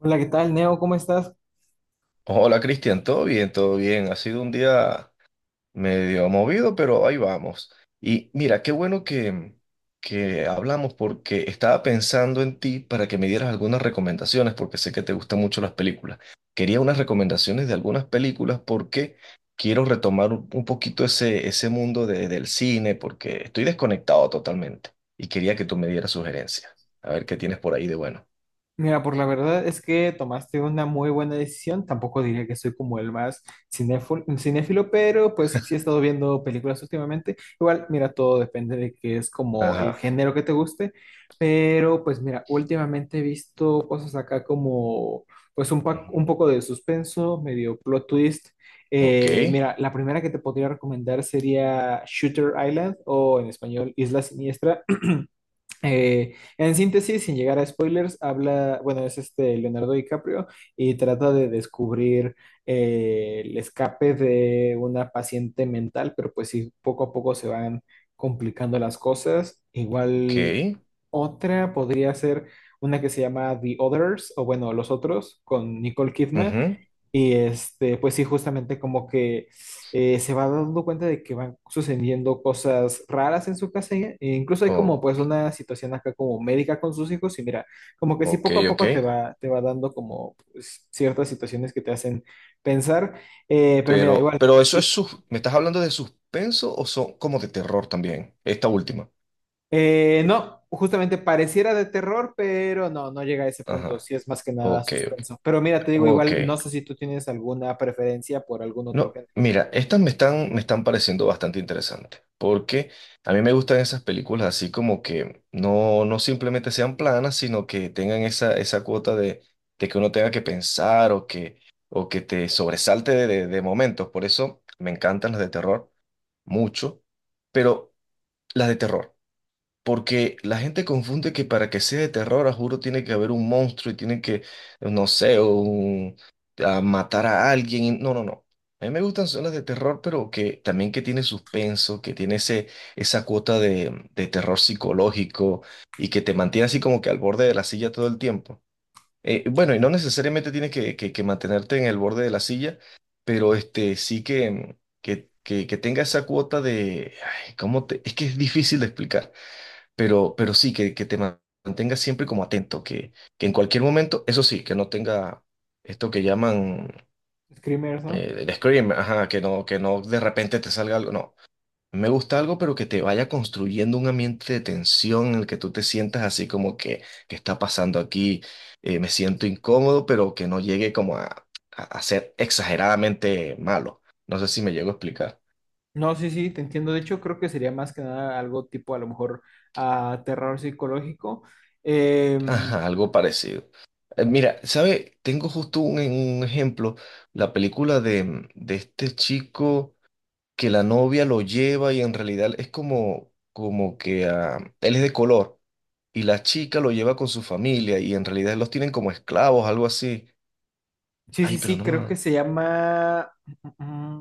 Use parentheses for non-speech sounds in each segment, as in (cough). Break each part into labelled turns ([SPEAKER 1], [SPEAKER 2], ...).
[SPEAKER 1] Hola, ¿qué tal, Neo? ¿Cómo estás?
[SPEAKER 2] Hola Cristian, todo bien, todo bien. Ha sido un día medio movido, pero ahí vamos. Y mira, qué bueno que hablamos porque estaba pensando en ti para que me dieras algunas recomendaciones, porque sé que te gustan mucho las películas. Quería unas recomendaciones de algunas películas porque quiero retomar un poquito ese mundo del cine, porque estoy desconectado totalmente y quería que tú me dieras sugerencias. A ver qué tienes por ahí de bueno.
[SPEAKER 1] Mira, por la verdad es que tomaste una muy buena decisión. Tampoco diría que soy como el más cinéfilo, cinéfilo, pero pues sí he estado viendo películas últimamente. Igual, mira, todo depende de que es como el
[SPEAKER 2] Ajá.
[SPEAKER 1] género que te guste. Pero pues mira, últimamente he visto cosas acá como pues un, un
[SPEAKER 2] Ujú.
[SPEAKER 1] poco de suspenso, medio plot twist.
[SPEAKER 2] Ok,
[SPEAKER 1] Mira, la primera que te podría recomendar sería Shooter Island o en español Isla Siniestra. En síntesis, sin llegar a spoilers, habla, bueno, es este Leonardo DiCaprio y trata de descubrir el escape de una paciente mental, pero pues sí, poco a poco se van complicando las cosas. Igual
[SPEAKER 2] ok.
[SPEAKER 1] otra podría ser una que se llama The Others, o bueno, Los Otros, con Nicole Kidman.
[SPEAKER 2] Ujú.
[SPEAKER 1] Y este, pues sí, justamente como que se va dando cuenta de que van sucediendo cosas raras en su casa, e incluso hay como
[SPEAKER 2] Oh,
[SPEAKER 1] pues una situación acá como médica con sus hijos y mira, como que sí
[SPEAKER 2] ok,
[SPEAKER 1] poco a
[SPEAKER 2] ok.
[SPEAKER 1] poco te va dando como pues, ciertas situaciones que te hacen pensar. Pero mira,
[SPEAKER 2] Pero,
[SPEAKER 1] igual,
[SPEAKER 2] pero eso es
[SPEAKER 1] sí.
[SPEAKER 2] sus... ¿Me estás hablando de suspenso o son como de terror también? Esta última.
[SPEAKER 1] No, justamente pareciera de terror, pero no, no llega a ese punto.
[SPEAKER 2] Ajá.
[SPEAKER 1] Sí es más que nada
[SPEAKER 2] Ok, ok.
[SPEAKER 1] suspenso. Pero mira, te digo
[SPEAKER 2] Ok.
[SPEAKER 1] igual, no sé si tú tienes alguna preferencia por algún otro
[SPEAKER 2] No,
[SPEAKER 1] género.
[SPEAKER 2] mira, estas me están pareciendo bastante interesantes. Porque a mí me gustan esas películas así como que no, no simplemente sean planas, sino que tengan esa cuota de que uno tenga que pensar o que te sobresalte de momentos. Por eso me encantan las de terror mucho. Pero las de terror. Porque la gente confunde que para que sea de terror, a juro, tiene que haber un monstruo y tiene que, no sé, a matar a alguien. No, no, no. A mí me gustan son las de terror, pero que también que tiene suspenso, que tiene ese, esa cuota de terror psicológico y que te mantiene así como que al borde de la silla todo el tiempo. Bueno, y no necesariamente tienes que mantenerte en el borde de la silla, pero este, sí que tenga esa cuota de... Ay, es que es difícil de explicar, pero sí, que mantengas siempre como atento, que en cualquier momento, eso sí, que no tenga esto que llaman
[SPEAKER 1] Screamers, ¿no?
[SPEAKER 2] el scream, ajá, que no de repente te salga algo, no. Me gusta algo, pero que te vaya construyendo un ambiente de tensión en el que tú te sientas así como que, ¿qué está pasando aquí? Me siento incómodo, pero que no llegue como a ser exageradamente malo. No sé si me llego a explicar.
[SPEAKER 1] No, sí, sí, te entiendo. De hecho, creo que sería más que nada algo tipo a lo mejor a terror psicológico. Em,
[SPEAKER 2] Ajá, algo parecido. Mira, ¿sabe? Tengo justo un ejemplo, la película de este chico que la novia lo lleva y en realidad es como, como que ah, él es de color y la chica lo lleva con su familia y en realidad los tienen como esclavos, algo así.
[SPEAKER 1] sí, sí,
[SPEAKER 2] Ay, pero
[SPEAKER 1] sí,
[SPEAKER 2] no
[SPEAKER 1] creo que
[SPEAKER 2] me...
[SPEAKER 1] se llama... mm, mm,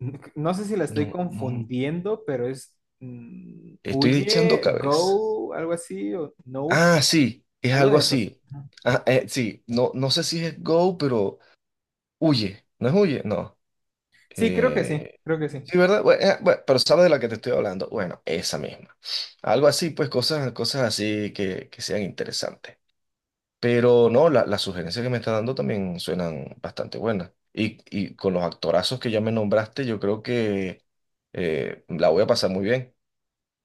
[SPEAKER 1] mm, No sé si la estoy
[SPEAKER 2] No, no,
[SPEAKER 1] confundiendo, pero es
[SPEAKER 2] estoy echando
[SPEAKER 1] Huye,
[SPEAKER 2] cabeza.
[SPEAKER 1] Go, algo así, o Nope,
[SPEAKER 2] Ah, sí, es
[SPEAKER 1] alguna
[SPEAKER 2] algo
[SPEAKER 1] de esas.
[SPEAKER 2] así. Ah, sí, no, no sé si es Go, pero huye. ¿No es huye? No.
[SPEAKER 1] Sí, creo que sí,
[SPEAKER 2] Eh,
[SPEAKER 1] creo que sí.
[SPEAKER 2] sí, ¿verdad? Pero ¿sabes de la que te estoy hablando? Bueno, esa misma. Algo así, pues cosas así que sean interesantes. Pero no, las sugerencias que me está dando también suenan bastante buenas. Y con los actorazos que ya me nombraste, yo creo que la voy a pasar muy bien.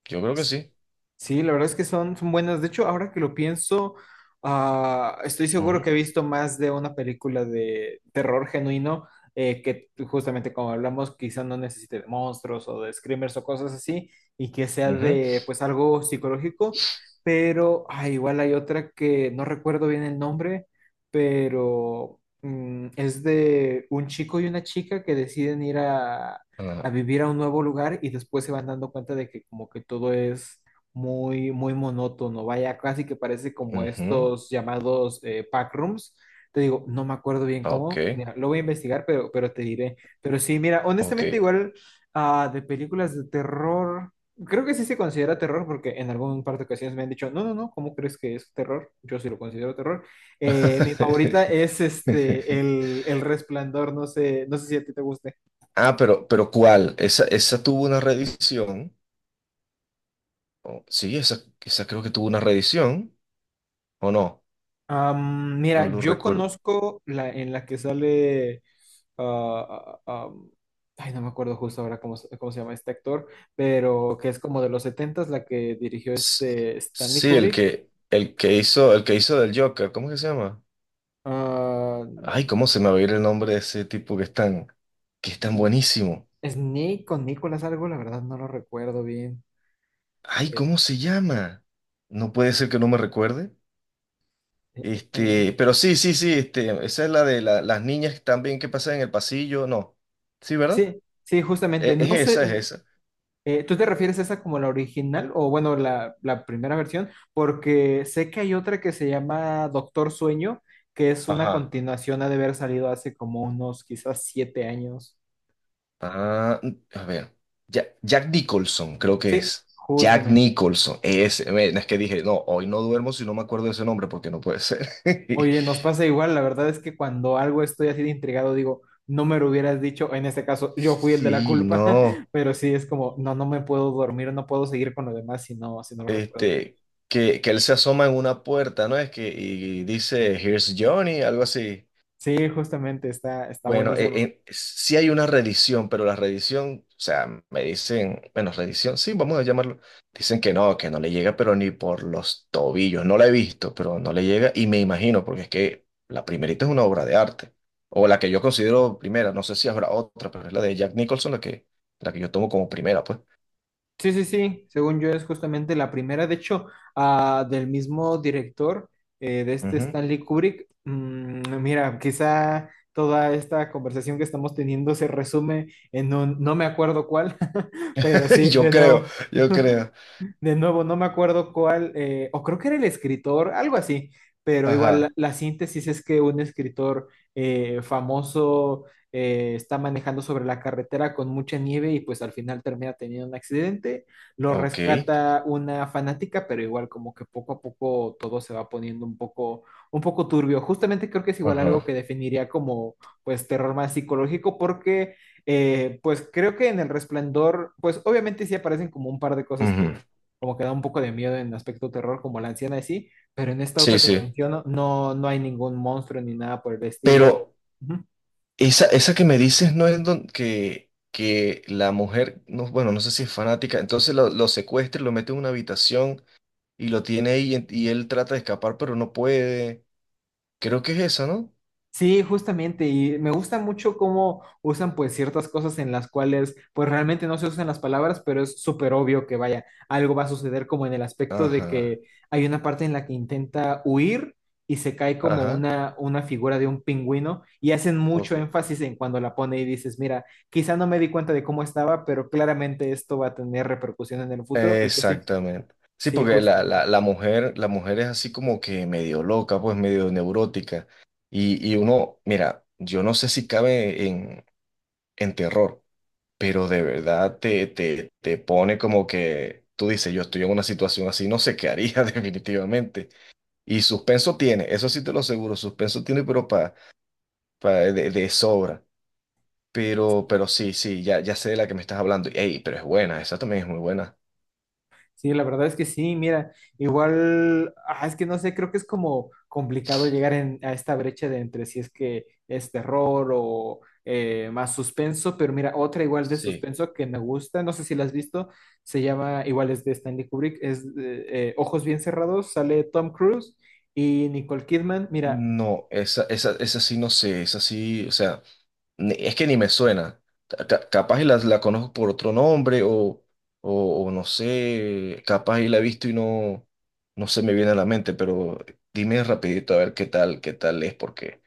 [SPEAKER 2] Yo creo que sí.
[SPEAKER 1] Sí, la verdad es que son, son buenas. De hecho, ahora que lo pienso, estoy seguro que he
[SPEAKER 2] Ujú,
[SPEAKER 1] visto más de una película de terror genuino, que justamente como hablamos, quizá no necesite de monstruos o de screamers o cosas así, y que sea
[SPEAKER 2] ujú,
[SPEAKER 1] de pues algo psicológico, pero igual hay otra que no recuerdo bien el nombre, pero es de un chico y una chica que deciden ir a
[SPEAKER 2] ah,
[SPEAKER 1] vivir a un nuevo lugar y después se van dando cuenta de que como que todo es muy, muy monótono, vaya, casi que parece como
[SPEAKER 2] ujú.
[SPEAKER 1] estos llamados pack rooms. Te digo, no me acuerdo bien
[SPEAKER 2] Ah,
[SPEAKER 1] cómo,
[SPEAKER 2] ok,
[SPEAKER 1] mira, lo voy a investigar, pero te diré. Pero sí, mira,
[SPEAKER 2] ok.
[SPEAKER 1] honestamente igual de películas de terror, creo que sí se considera terror porque en algún par de ocasiones me han dicho, no, no, no, ¿cómo crees que es terror? Yo sí lo considero terror. Mi favorita es
[SPEAKER 2] (laughs)
[SPEAKER 1] este, el Resplandor, no sé, no sé si a ti te gusta.
[SPEAKER 2] Ah, pero ¿cuál? Esa tuvo una reedición. Oh, sí, esa creo que tuvo una reedición, ¿o no? No
[SPEAKER 1] Mira,
[SPEAKER 2] lo
[SPEAKER 1] yo
[SPEAKER 2] recuerdo.
[SPEAKER 1] conozco la en la que sale. ah, ah, ah, am, ay, no me acuerdo justo ahora cómo, cómo se llama este actor, pero que es como de los setentas la que dirigió
[SPEAKER 2] S-
[SPEAKER 1] este Stanley
[SPEAKER 2] Sí, el
[SPEAKER 1] Kubrick.
[SPEAKER 2] que hizo, el que hizo del Joker, ¿cómo es que se llama?
[SPEAKER 1] Ah,
[SPEAKER 2] Ay, ¿cómo se me va a ir el nombre de ese tipo que es tan buenísimo?
[SPEAKER 1] Snake con Nicolas algo, la verdad no lo recuerdo bien.
[SPEAKER 2] Ay,
[SPEAKER 1] Eh,
[SPEAKER 2] ¿cómo se llama? No puede ser que no me recuerde.
[SPEAKER 1] eh, eh, eh.
[SPEAKER 2] Este, pero este, esa es la de las niñas también que pasan en el pasillo, no. Sí, ¿verdad?
[SPEAKER 1] Sí, sí, justamente.
[SPEAKER 2] Es,
[SPEAKER 1] No sé.
[SPEAKER 2] es esa.
[SPEAKER 1] ¿Tú te refieres a esa como la original o bueno, la primera versión? Porque sé que hay otra que se llama Doctor Sueño, que es una
[SPEAKER 2] Ajá.
[SPEAKER 1] continuación, ha de haber salido hace como unos quizás 7 años.
[SPEAKER 2] Ah, a ver. Jack Nicholson, creo que
[SPEAKER 1] Sí,
[SPEAKER 2] es. Jack
[SPEAKER 1] justamente.
[SPEAKER 2] Nicholson. Ese, ven, es que dije, no, hoy no duermo si no me acuerdo de ese nombre, porque no puede ser. (laughs)
[SPEAKER 1] Oye, nos pasa igual, la verdad es que cuando algo estoy así de intrigado, digo, no me lo hubieras dicho, en este caso yo fui el de la
[SPEAKER 2] Sí,
[SPEAKER 1] culpa, (laughs)
[SPEAKER 2] no.
[SPEAKER 1] pero sí es como, no, no me puedo dormir, no puedo seguir con lo demás si no, si no lo recuerdo.
[SPEAKER 2] Este, que él se asoma en una puerta, ¿no? Es que, y dice, Here's Johnny, algo así.
[SPEAKER 1] Sí, justamente, está, está
[SPEAKER 2] Bueno,
[SPEAKER 1] buenísimo.
[SPEAKER 2] sí hay una reedición, pero la reedición, o sea, me dicen, bueno, reedición, sí, vamos a llamarlo. Dicen que no le llega, pero ni por los tobillos. No la he visto, pero no le llega y me imagino, porque es que la primerita es una obra de arte, o la que yo considero primera, no sé si habrá otra, pero es la de Jack Nicholson, la que yo tomo como primera, pues.
[SPEAKER 1] Sí, sí, sí, según yo es justamente la primera, de hecho, del mismo director de este
[SPEAKER 2] Ujú.
[SPEAKER 1] Stanley Kubrick. Mm, mira, quizá toda esta conversación que estamos teniendo se resume en un no me acuerdo cuál, (laughs) pero
[SPEAKER 2] (laughs)
[SPEAKER 1] sí,
[SPEAKER 2] Yo
[SPEAKER 1] de
[SPEAKER 2] creo,
[SPEAKER 1] nuevo.
[SPEAKER 2] yo
[SPEAKER 1] (laughs)
[SPEAKER 2] creo.
[SPEAKER 1] (laughs) De nuevo, no me acuerdo cuál, o creo que era el escritor, algo así, pero igual la,
[SPEAKER 2] Ajá.
[SPEAKER 1] la síntesis es que un escritor famoso está manejando sobre la carretera con mucha nieve y pues al final termina teniendo un accidente, lo
[SPEAKER 2] Ok.
[SPEAKER 1] rescata una fanática, pero igual como que poco a poco todo se va poniendo un poco turbio. Justamente creo que es igual algo que
[SPEAKER 2] Ajá.
[SPEAKER 1] definiría como pues terror más psicológico porque... pues creo que en El Resplandor, pues obviamente sí aparecen como un par de cosas que,
[SPEAKER 2] Ujú.
[SPEAKER 1] como que da un poco de miedo en aspecto terror, como la anciana y sí, pero en esta
[SPEAKER 2] Sí,
[SPEAKER 1] otra que te
[SPEAKER 2] sí.
[SPEAKER 1] menciono, no, no hay ningún monstruo ni nada por el estilo.
[SPEAKER 2] Pero...
[SPEAKER 1] Ujú.
[SPEAKER 2] Esa que me dices no es que la mujer, no, bueno, no sé si es fanática, entonces lo secuestra, y lo mete en una habitación y lo tiene ahí y él trata de escapar, pero no puede. Creo que es esa, ¿no?
[SPEAKER 1] Sí, justamente, y me gusta mucho cómo usan pues ciertas cosas en las cuales pues realmente no se usan las palabras, pero es súper obvio que vaya, algo va a suceder como en el aspecto de
[SPEAKER 2] Ajá,
[SPEAKER 1] que hay una parte en la que intenta huir y se cae como
[SPEAKER 2] ajá,
[SPEAKER 1] una figura de un pingüino y hacen mucho
[SPEAKER 2] ok.
[SPEAKER 1] énfasis en cuando la pone y dices, mira, quizá no me di cuenta de cómo estaba, pero claramente esto va a tener repercusión en el futuro y pues sí,
[SPEAKER 2] Exactamente. Sí,
[SPEAKER 1] sí,
[SPEAKER 2] porque
[SPEAKER 1] justo.
[SPEAKER 2] la mujer es así como que medio loca, pues medio neurótica. Y uno, mira, yo no sé si cabe en terror. Pero de verdad te pone como que tú dices, yo estoy en una situación así, no sé qué haría (laughs) definitivamente. Y suspenso tiene, eso sí te lo aseguro, suspenso tiene, pero de sobra. Pero sí, sí, ya sé de la que me estás hablando. Ey, pero es buena, esa también es muy buena.
[SPEAKER 1] Sí, la verdad es que sí, mira, igual, es que no sé, creo que es como complicado llegar a esta brecha de entre si es que es terror o más suspenso, pero mira, otra igual de
[SPEAKER 2] Sí.
[SPEAKER 1] suspenso que me gusta, no sé si la has visto, se llama, igual es de Stanley Kubrick, es Ojos bien cerrados, sale Tom Cruise y Nicole Kidman, mira,
[SPEAKER 2] No, esa sí no sé, esa sí, o sea. Es que ni me suena. Capaz y la, conozco por otro nombre o no sé, capaz y la he visto y no, no se me viene a la mente, pero dime rapidito a ver qué tal es, porque,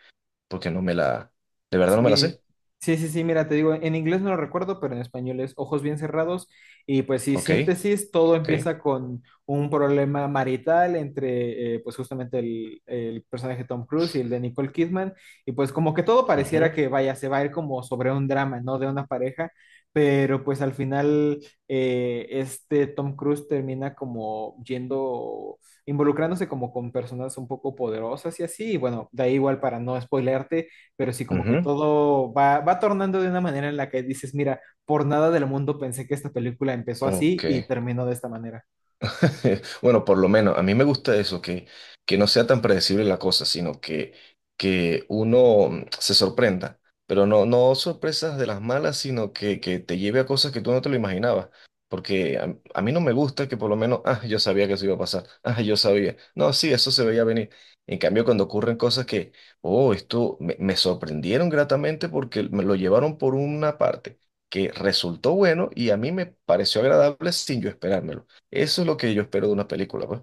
[SPEAKER 2] porque no me la, de verdad no me la
[SPEAKER 1] Sí,
[SPEAKER 2] sé.
[SPEAKER 1] sí, sí, mira, te digo, en inglés no lo recuerdo, pero en español es Ojos bien cerrados y pues sí,
[SPEAKER 2] Ok,
[SPEAKER 1] síntesis, todo
[SPEAKER 2] ok.
[SPEAKER 1] empieza con un problema marital entre pues justamente el personaje de Tom Cruise y el de Nicole Kidman y pues como que todo pareciera
[SPEAKER 2] Ujú,
[SPEAKER 1] que vaya, se va a ir como sobre un drama, ¿no? De una pareja, pero pues al final este Tom Cruise termina como yendo, involucrándose como con personas un poco poderosas y así, y bueno, da igual para no spoilearte, pero sí como que
[SPEAKER 2] ujú,
[SPEAKER 1] todo va, va tornando de una manera en la que dices, mira, por nada del mundo pensé que esta película empezó
[SPEAKER 2] ok.
[SPEAKER 1] así y terminó de esta manera.
[SPEAKER 2] (laughs) Bueno, por lo menos a mí me gusta eso, que no sea tan predecible la cosa, sino que uno se sorprenda, pero no, no sorpresas de las malas, sino que te lleve a cosas que tú no te lo imaginabas. Porque a mí no me gusta que por lo menos, ah, yo sabía que eso iba a pasar, ah, yo sabía. No, sí, eso se veía venir. En cambio, cuando ocurren cosas que, oh, esto me sorprendieron gratamente porque me lo llevaron por una parte que resultó bueno y a mí me pareció agradable sin yo esperármelo. Eso es lo que yo espero de una película, pues.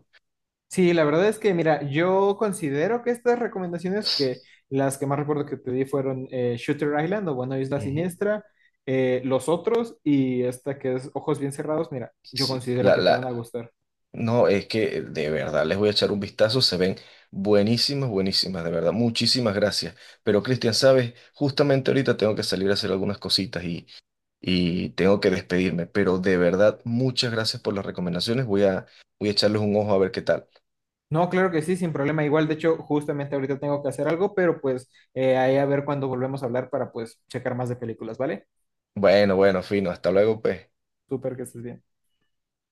[SPEAKER 1] Sí, la verdad es que, mira, yo considero que estas recomendaciones, que las que más recuerdo que te di fueron Shooter Island o bueno, Isla
[SPEAKER 2] Ujú.
[SPEAKER 1] Siniestra, Los Otros y esta que es Ojos Bien Cerrados, mira, yo
[SPEAKER 2] Sí,
[SPEAKER 1] considero que te van a gustar.
[SPEAKER 2] no, es que de verdad les voy a echar un vistazo, se ven buenísimas, buenísimas, de verdad, muchísimas gracias. Pero Cristian, sabes, justamente ahorita tengo que salir a hacer algunas cositas y tengo que despedirme, pero de verdad, muchas gracias por las recomendaciones, voy a, voy a echarles un ojo a ver qué tal.
[SPEAKER 1] No, claro que sí, sin problema. Igual, de hecho, justamente ahorita tengo que hacer algo, pero pues ahí a ver cuando volvemos a hablar para pues checar más de películas, ¿vale?
[SPEAKER 2] Bueno, bueno, fino, hasta luego, pues.
[SPEAKER 1] Súper que estés bien.